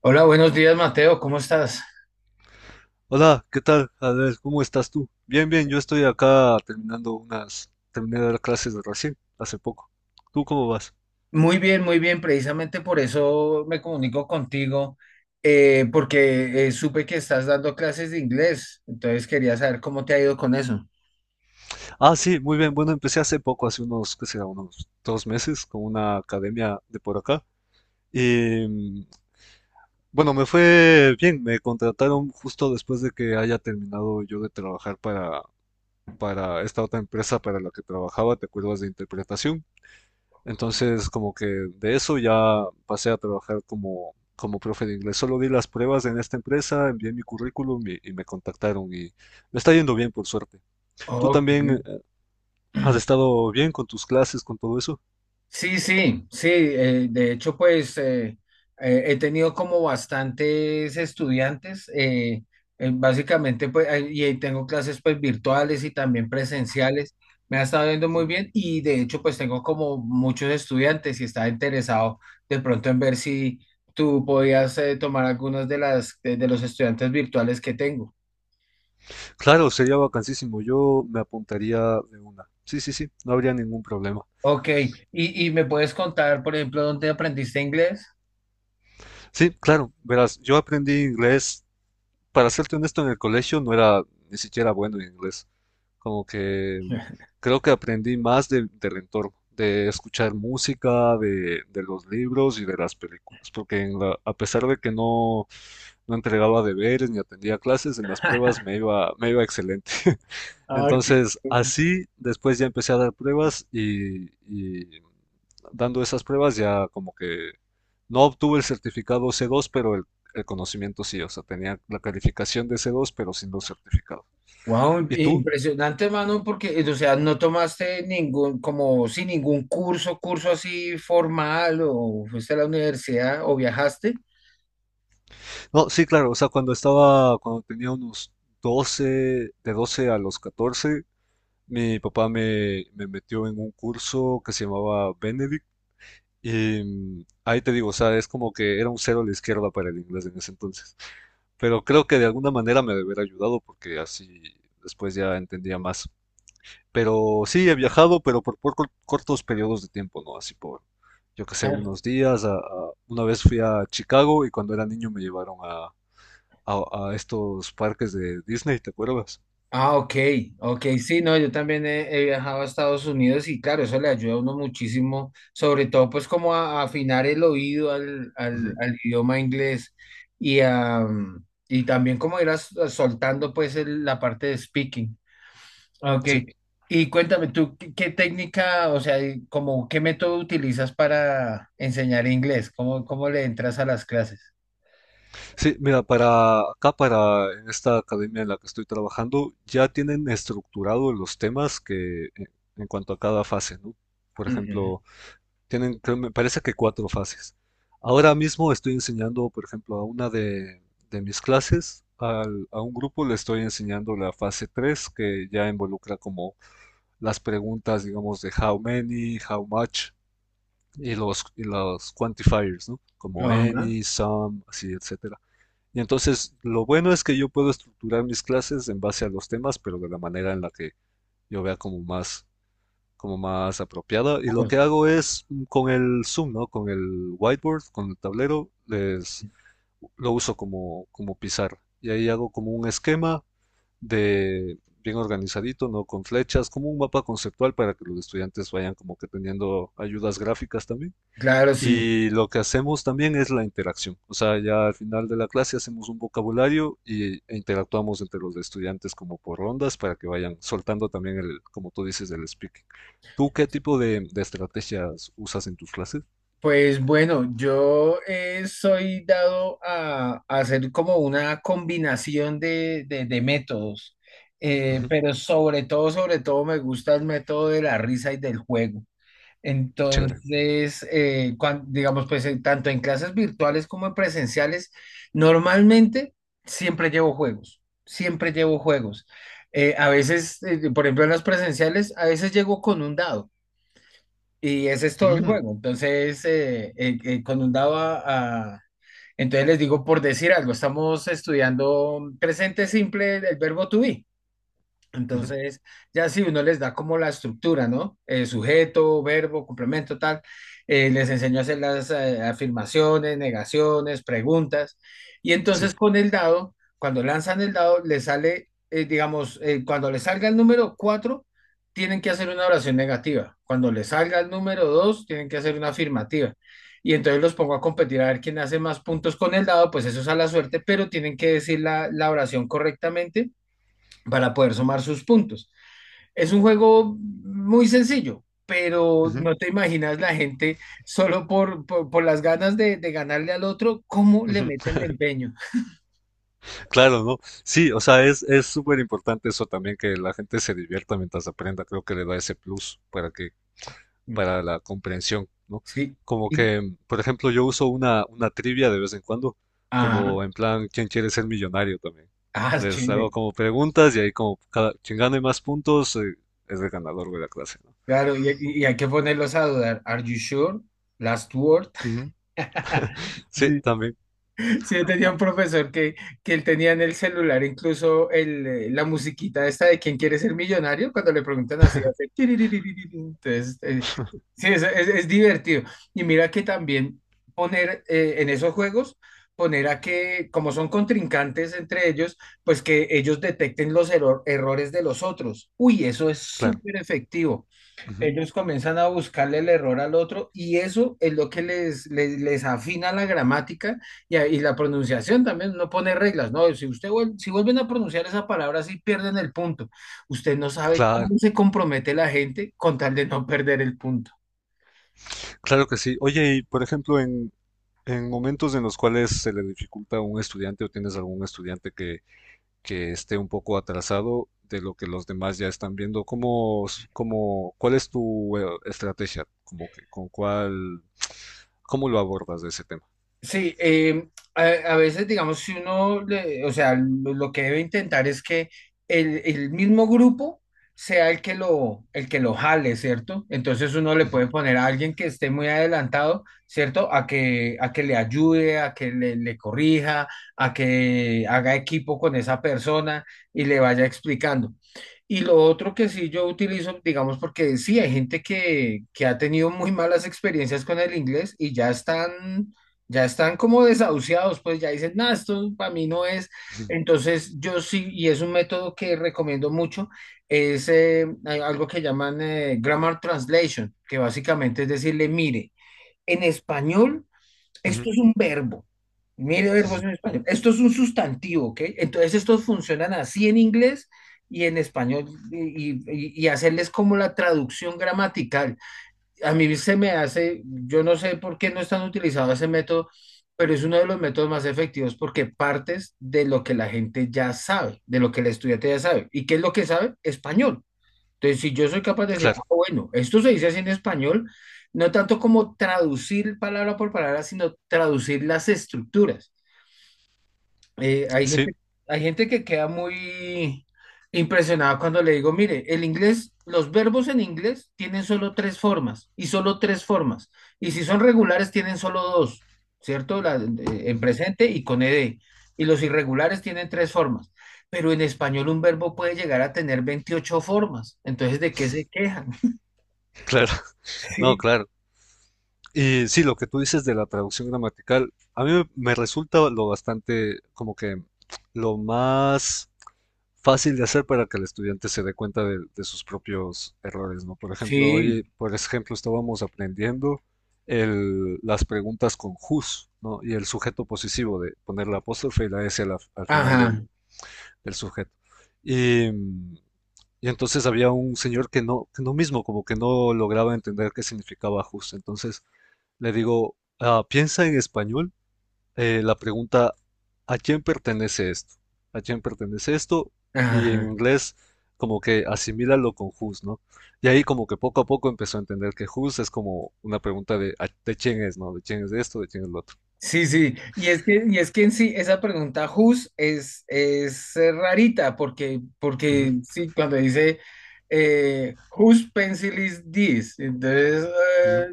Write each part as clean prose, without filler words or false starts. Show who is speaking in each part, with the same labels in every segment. Speaker 1: Hola, buenos días, Mateo, ¿cómo estás?
Speaker 2: Hola, ¿qué tal? A ¿cómo estás tú? Bien, bien, yo estoy acá terminando unas, terminé de dar clases de recién, hace poco. ¿Tú cómo vas?
Speaker 1: Muy bien, precisamente por eso me comunico contigo, porque supe que estás dando clases de inglés, entonces quería saber cómo te ha ido con eso.
Speaker 2: Ah, sí, muy bien. Bueno, empecé hace poco, hace unos, qué será, unos dos meses con una academia de por acá. Y mm, bueno, me fue bien. Me contrataron justo después de que haya terminado yo de trabajar para esta otra empresa para la que trabajaba, ¿te acuerdas de interpretación? Entonces, como que de eso ya pasé a trabajar como, como profe de inglés. Solo di las pruebas en esta empresa, envié mi currículum y me contactaron y me está yendo bien, por suerte. ¿Tú
Speaker 1: Ok.
Speaker 2: también has estado bien con tus clases, con todo eso?
Speaker 1: Sí, sí, sí. De hecho, pues he tenido como bastantes estudiantes, básicamente, pues, y ahí tengo clases, pues virtuales y también presenciales. Me ha estado yendo muy
Speaker 2: Ujú.
Speaker 1: bien y, de hecho, pues tengo como muchos estudiantes y estaba interesado, de pronto, en ver si tú podías, tomar algunos de los estudiantes virtuales que tengo.
Speaker 2: Claro, sería vacancísimo. Yo me apuntaría de una. Sí, sí, sí, no habría ningún problema.
Speaker 1: Ok, y me puedes contar, por ejemplo, ¿dónde aprendiste inglés?
Speaker 2: Sí, claro, verás, yo aprendí inglés, para serte honesto, en el colegio no era ni siquiera bueno en inglés. Como que creo que aprendí más del entorno, de escuchar música, de los libros y de las películas. Porque en a pesar de que no, no entregaba deberes ni atendía clases, en las pruebas me iba excelente.
Speaker 1: Ah, ok.
Speaker 2: Entonces, así, después ya empecé a dar pruebas y dando esas pruebas ya como que no obtuve el certificado C2, pero el conocimiento sí, o sea, tenía la calificación de C2, pero sin los certificados.
Speaker 1: Wow,
Speaker 2: ¿Y tú?
Speaker 1: impresionante, mano, porque, o sea, no tomaste ningún, como sin ningún curso así formal, o fuiste a la universidad, o viajaste.
Speaker 2: No, sí, claro, o sea, cuando estaba, cuando tenía unos doce, de 12 a los catorce, mi papá me, me metió en un curso que se llamaba Benedict. Ahí te digo, o sea, es como que era un cero a la izquierda para el inglés en ese entonces. Pero creo que de alguna manera me debería ayudado porque así después ya entendía más. Pero sí, he viajado, pero por cortos periodos de tiempo, ¿no? Así por, yo qué sé,
Speaker 1: Ah.
Speaker 2: unos días. Una vez fui a Chicago y cuando era niño me llevaron a, a estos parques de Disney, ¿te acuerdas?
Speaker 1: Ah, ok, ok, sí, no, yo también he viajado a Estados Unidos y claro, eso le ayuda a uno muchísimo, sobre todo pues como a afinar el oído al,
Speaker 2: Ujú.
Speaker 1: idioma inglés y, y también como ir soltando pues la parte de speaking. Ok.
Speaker 2: Sí,
Speaker 1: Y cuéntame tú, ¿qué técnica, o sea, y como qué método utilizas para enseñar inglés? ¿Cómo le entras a las clases?
Speaker 2: sí, mira, para acá, para en esta academia en la que estoy trabajando, ya tienen estructurado los temas en cuanto a cada fase, ¿no? Por
Speaker 1: Ujú.
Speaker 2: ejemplo, tienen, me parece que cuatro fases. Ahora mismo estoy enseñando, por ejemplo, a una de mis clases, a un grupo le estoy enseñando la fase 3, que ya involucra como las preguntas, digamos, de how many, how much, y los quantifiers, ¿no? Como
Speaker 1: Ajá. Ajá.
Speaker 2: any, some, así, etcétera. Y entonces, lo bueno es que yo puedo estructurar mis clases en base a los temas, pero de la manera en la que yo vea como más, como más apropiada. Y lo que
Speaker 1: Bueno.
Speaker 2: hago es, con el Zoom, ¿no? Con el whiteboard, con el tablero, lo uso como, como pizarra. Y ahí hago como un esquema de bien organizadito, ¿no? Con flechas, como un mapa conceptual para que los estudiantes vayan como que teniendo ayudas gráficas también.
Speaker 1: Claro, sí.
Speaker 2: Y lo que hacemos también es la interacción. O sea, ya al final de la clase hacemos un vocabulario y, e interactuamos entre los estudiantes como por rondas para que vayan soltando también el, como tú dices, el speaking. ¿Tú qué tipo de estrategias usas en tus clases?
Speaker 1: Pues bueno, yo, soy dado a hacer como una combinación de métodos.
Speaker 2: Ujú.
Speaker 1: Pero sobre todo me gusta el método de la risa y del juego.
Speaker 2: Chévere.
Speaker 1: Entonces, digamos, pues tanto en clases virtuales como en presenciales, normalmente siempre llevo juegos, siempre llevo juegos. A veces, por ejemplo, en las presenciales, a veces llego con un dado y ese es todo el
Speaker 2: Ujú.
Speaker 1: juego. Entonces, con un dado entonces les digo, por decir algo, estamos estudiando presente simple, el verbo to be.
Speaker 2: Ujú.
Speaker 1: Entonces, ya si uno les da como la estructura, ¿no? Sujeto, verbo, complemento, tal, les enseño a hacer las, afirmaciones, negaciones, preguntas. Y
Speaker 2: Sí.
Speaker 1: entonces con el dado, cuando lanzan el dado, les sale, digamos, cuando les salga el número 4 tienen que hacer una oración negativa. Cuando les salga el número 2 tienen que hacer una afirmativa. Y entonces los pongo a competir a ver quién hace más puntos con el dado. Pues eso es a la suerte, pero tienen que decir la oración correctamente para poder sumar sus puntos. Es un juego muy sencillo, pero
Speaker 2: Ujú.
Speaker 1: no te imaginas la gente, solo por las ganas de ganarle al otro, cómo le
Speaker 2: Ujú.
Speaker 1: meten de empeño.
Speaker 2: Claro, ¿no? Sí, o sea, es súper importante eso también, que la gente se divierta mientras aprenda. Creo que le da ese plus para que,
Speaker 1: Mm.
Speaker 2: para la comprensión, ¿no?
Speaker 1: Sí.
Speaker 2: Como
Speaker 1: Y,
Speaker 2: que, por ejemplo, yo uso una trivia de vez en cuando,
Speaker 1: ah,
Speaker 2: como en plan, ¿quién quiere ser millonario también?
Speaker 1: es
Speaker 2: Les hago
Speaker 1: chévere.
Speaker 2: como preguntas y ahí como cada, quien gane más puntos es el ganador de la clase, ¿no?
Speaker 1: Claro, y, y hay que ponerlos a dudar. ¿Are you sure? Last word.
Speaker 2: Ujú. Sí,
Speaker 1: Sí.
Speaker 2: también.
Speaker 1: Sí, yo tenía
Speaker 2: Ah,
Speaker 1: un profesor que, él tenía en el celular incluso el, la musiquita esta de ¿quién quiere ser millonario? Cuando le preguntan así, hace tiriririririri. Entonces, sí, es, es divertido. Y mira que también poner, en esos juegos, poner a que, como son contrincantes entre ellos, pues que ellos detecten los errores de los otros. Uy, eso es
Speaker 2: claro.
Speaker 1: súper efectivo.
Speaker 2: Ujú.
Speaker 1: Ellos comienzan a buscarle el error al otro, y eso es lo que les, les afina la gramática y, y la pronunciación también. No, pone reglas, ¿no? Si vuelven a pronunciar esa palabra, sí pierden el punto. Usted no sabe
Speaker 2: Claro,
Speaker 1: cómo se compromete la gente con tal de no perder el punto.
Speaker 2: claro que sí. Oye, y por ejemplo, en momentos en los cuales se le dificulta a un estudiante o tienes algún estudiante que esté un poco atrasado de lo que los demás ya están viendo. ¿Cómo, cómo, cuál es tu estrategia? Como que, con cuál, ¿cómo lo abordas de ese tema?
Speaker 1: Sí, a, veces digamos, si uno, o sea, lo que debe intentar es que el mismo grupo sea el que lo jale, ¿cierto? Entonces uno le
Speaker 2: Ujú.
Speaker 1: puede poner a alguien que esté muy adelantado, ¿cierto? A que, le ayude, a que le corrija, a que haga equipo con esa persona y le vaya explicando. Y lo otro que sí yo utilizo, digamos, porque sí, hay gente que, ha tenido muy malas experiencias con el inglés y ya están como desahuciados, pues ya dicen, nada, esto para mí no es.
Speaker 2: Ujú.
Speaker 1: Entonces, yo sí, y es un método que recomiendo mucho, es hay algo que llaman, grammar translation, que básicamente es decirle, mire, en español, esto
Speaker 2: Ujú.
Speaker 1: es un verbo. Mire verbos en español. Esto es un sustantivo, ¿ok? Entonces, estos funcionan así en inglés y en español, y, y hacerles como la traducción gramatical. A mí se me hace, yo no sé por qué no están utilizando ese método, pero es uno de los métodos más efectivos porque partes de lo que la gente ya sabe, de lo que el estudiante ya sabe. ¿Y qué es lo que sabe? Español. Entonces, si yo soy capaz de decir, ah,
Speaker 2: Claro,
Speaker 1: bueno, esto se dice así en español, no tanto como traducir palabra por palabra, sino traducir las estructuras. Hay
Speaker 2: sí.
Speaker 1: gente, que queda muy impresionada cuando le digo, mire, el inglés, los verbos en inglés tienen solo tres formas y solo tres formas. Y si son regulares, tienen solo dos, ¿cierto? En
Speaker 2: Ujú.
Speaker 1: presente y con ed. Y los irregulares tienen tres formas. Pero en español un verbo puede llegar a tener 28 formas. Entonces, ¿de qué se quejan?
Speaker 2: Claro. No,
Speaker 1: Sí.
Speaker 2: claro. Y sí, lo que tú dices de la traducción gramatical, a mí me, me resulta lo bastante, como que lo más fácil de hacer para que el estudiante se dé cuenta de sus propios errores, ¿no? Por ejemplo,
Speaker 1: Sí,
Speaker 2: hoy, por ejemplo, estábamos aprendiendo las preguntas con whose, ¿no? Y el sujeto posesivo de poner la apóstrofe y la S al, al final
Speaker 1: ajá,
Speaker 2: del, del sujeto. Y, mm, y entonces había un señor que no mismo, como que no lograba entender qué significaba whose. Entonces le digo, "Ah, piensa en español, la pregunta, ¿a quién pertenece esto? ¿A quién pertenece esto? Y en
Speaker 1: ajá.
Speaker 2: inglés como que asimílalo con whose, ¿no?". Y ahí como que poco a poco empezó a entender que whose es como una pregunta de, de quién es, ¿no? De quién es esto, de quién es lo otro.
Speaker 1: Sí, sí, y es que, en sí, esa pregunta Who's, es rarita, porque,
Speaker 2: Ujú.
Speaker 1: sí, cuando dice, Whose pencil is this? Entonces, eh,
Speaker 2: Ujú.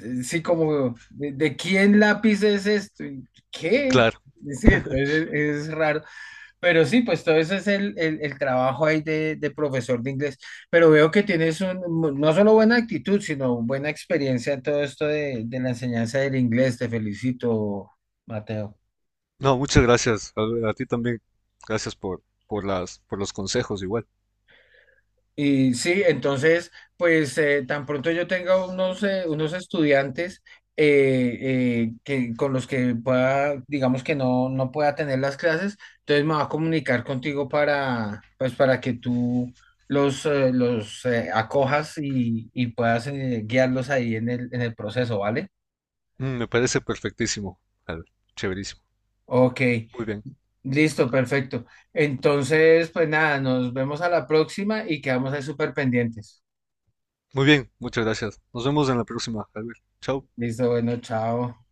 Speaker 1: sí, como, ¿de, quién lápiz es esto? ¿Y ¿qué?
Speaker 2: Claro.
Speaker 1: Sí, entonces es, raro. Pero sí, pues todo ese es el, el trabajo ahí de, profesor de inglés. Pero veo que tienes no solo buena actitud, sino buena experiencia en todo esto de, la enseñanza del inglés. Te felicito, Mateo.
Speaker 2: No, muchas gracias, Albert. A ti también. Gracias por las, por los consejos igual.
Speaker 1: Y sí, entonces, pues tan pronto yo tenga unos, estudiantes, con los que pueda, digamos, que no, pueda tener las clases, entonces me va a comunicar contigo para, pues, para que tú los acojas y, puedas, guiarlos ahí en en el proceso, ¿vale?
Speaker 2: Me parece perfectísimo, Albert. Chéverísimo.
Speaker 1: Ok,
Speaker 2: Muy bien.
Speaker 1: listo, perfecto. Entonces, pues nada, nos vemos a la próxima y quedamos ahí súper pendientes.
Speaker 2: Muy bien, muchas gracias. Nos vemos en la próxima, Albert. Chao.
Speaker 1: Listo, bueno, chao.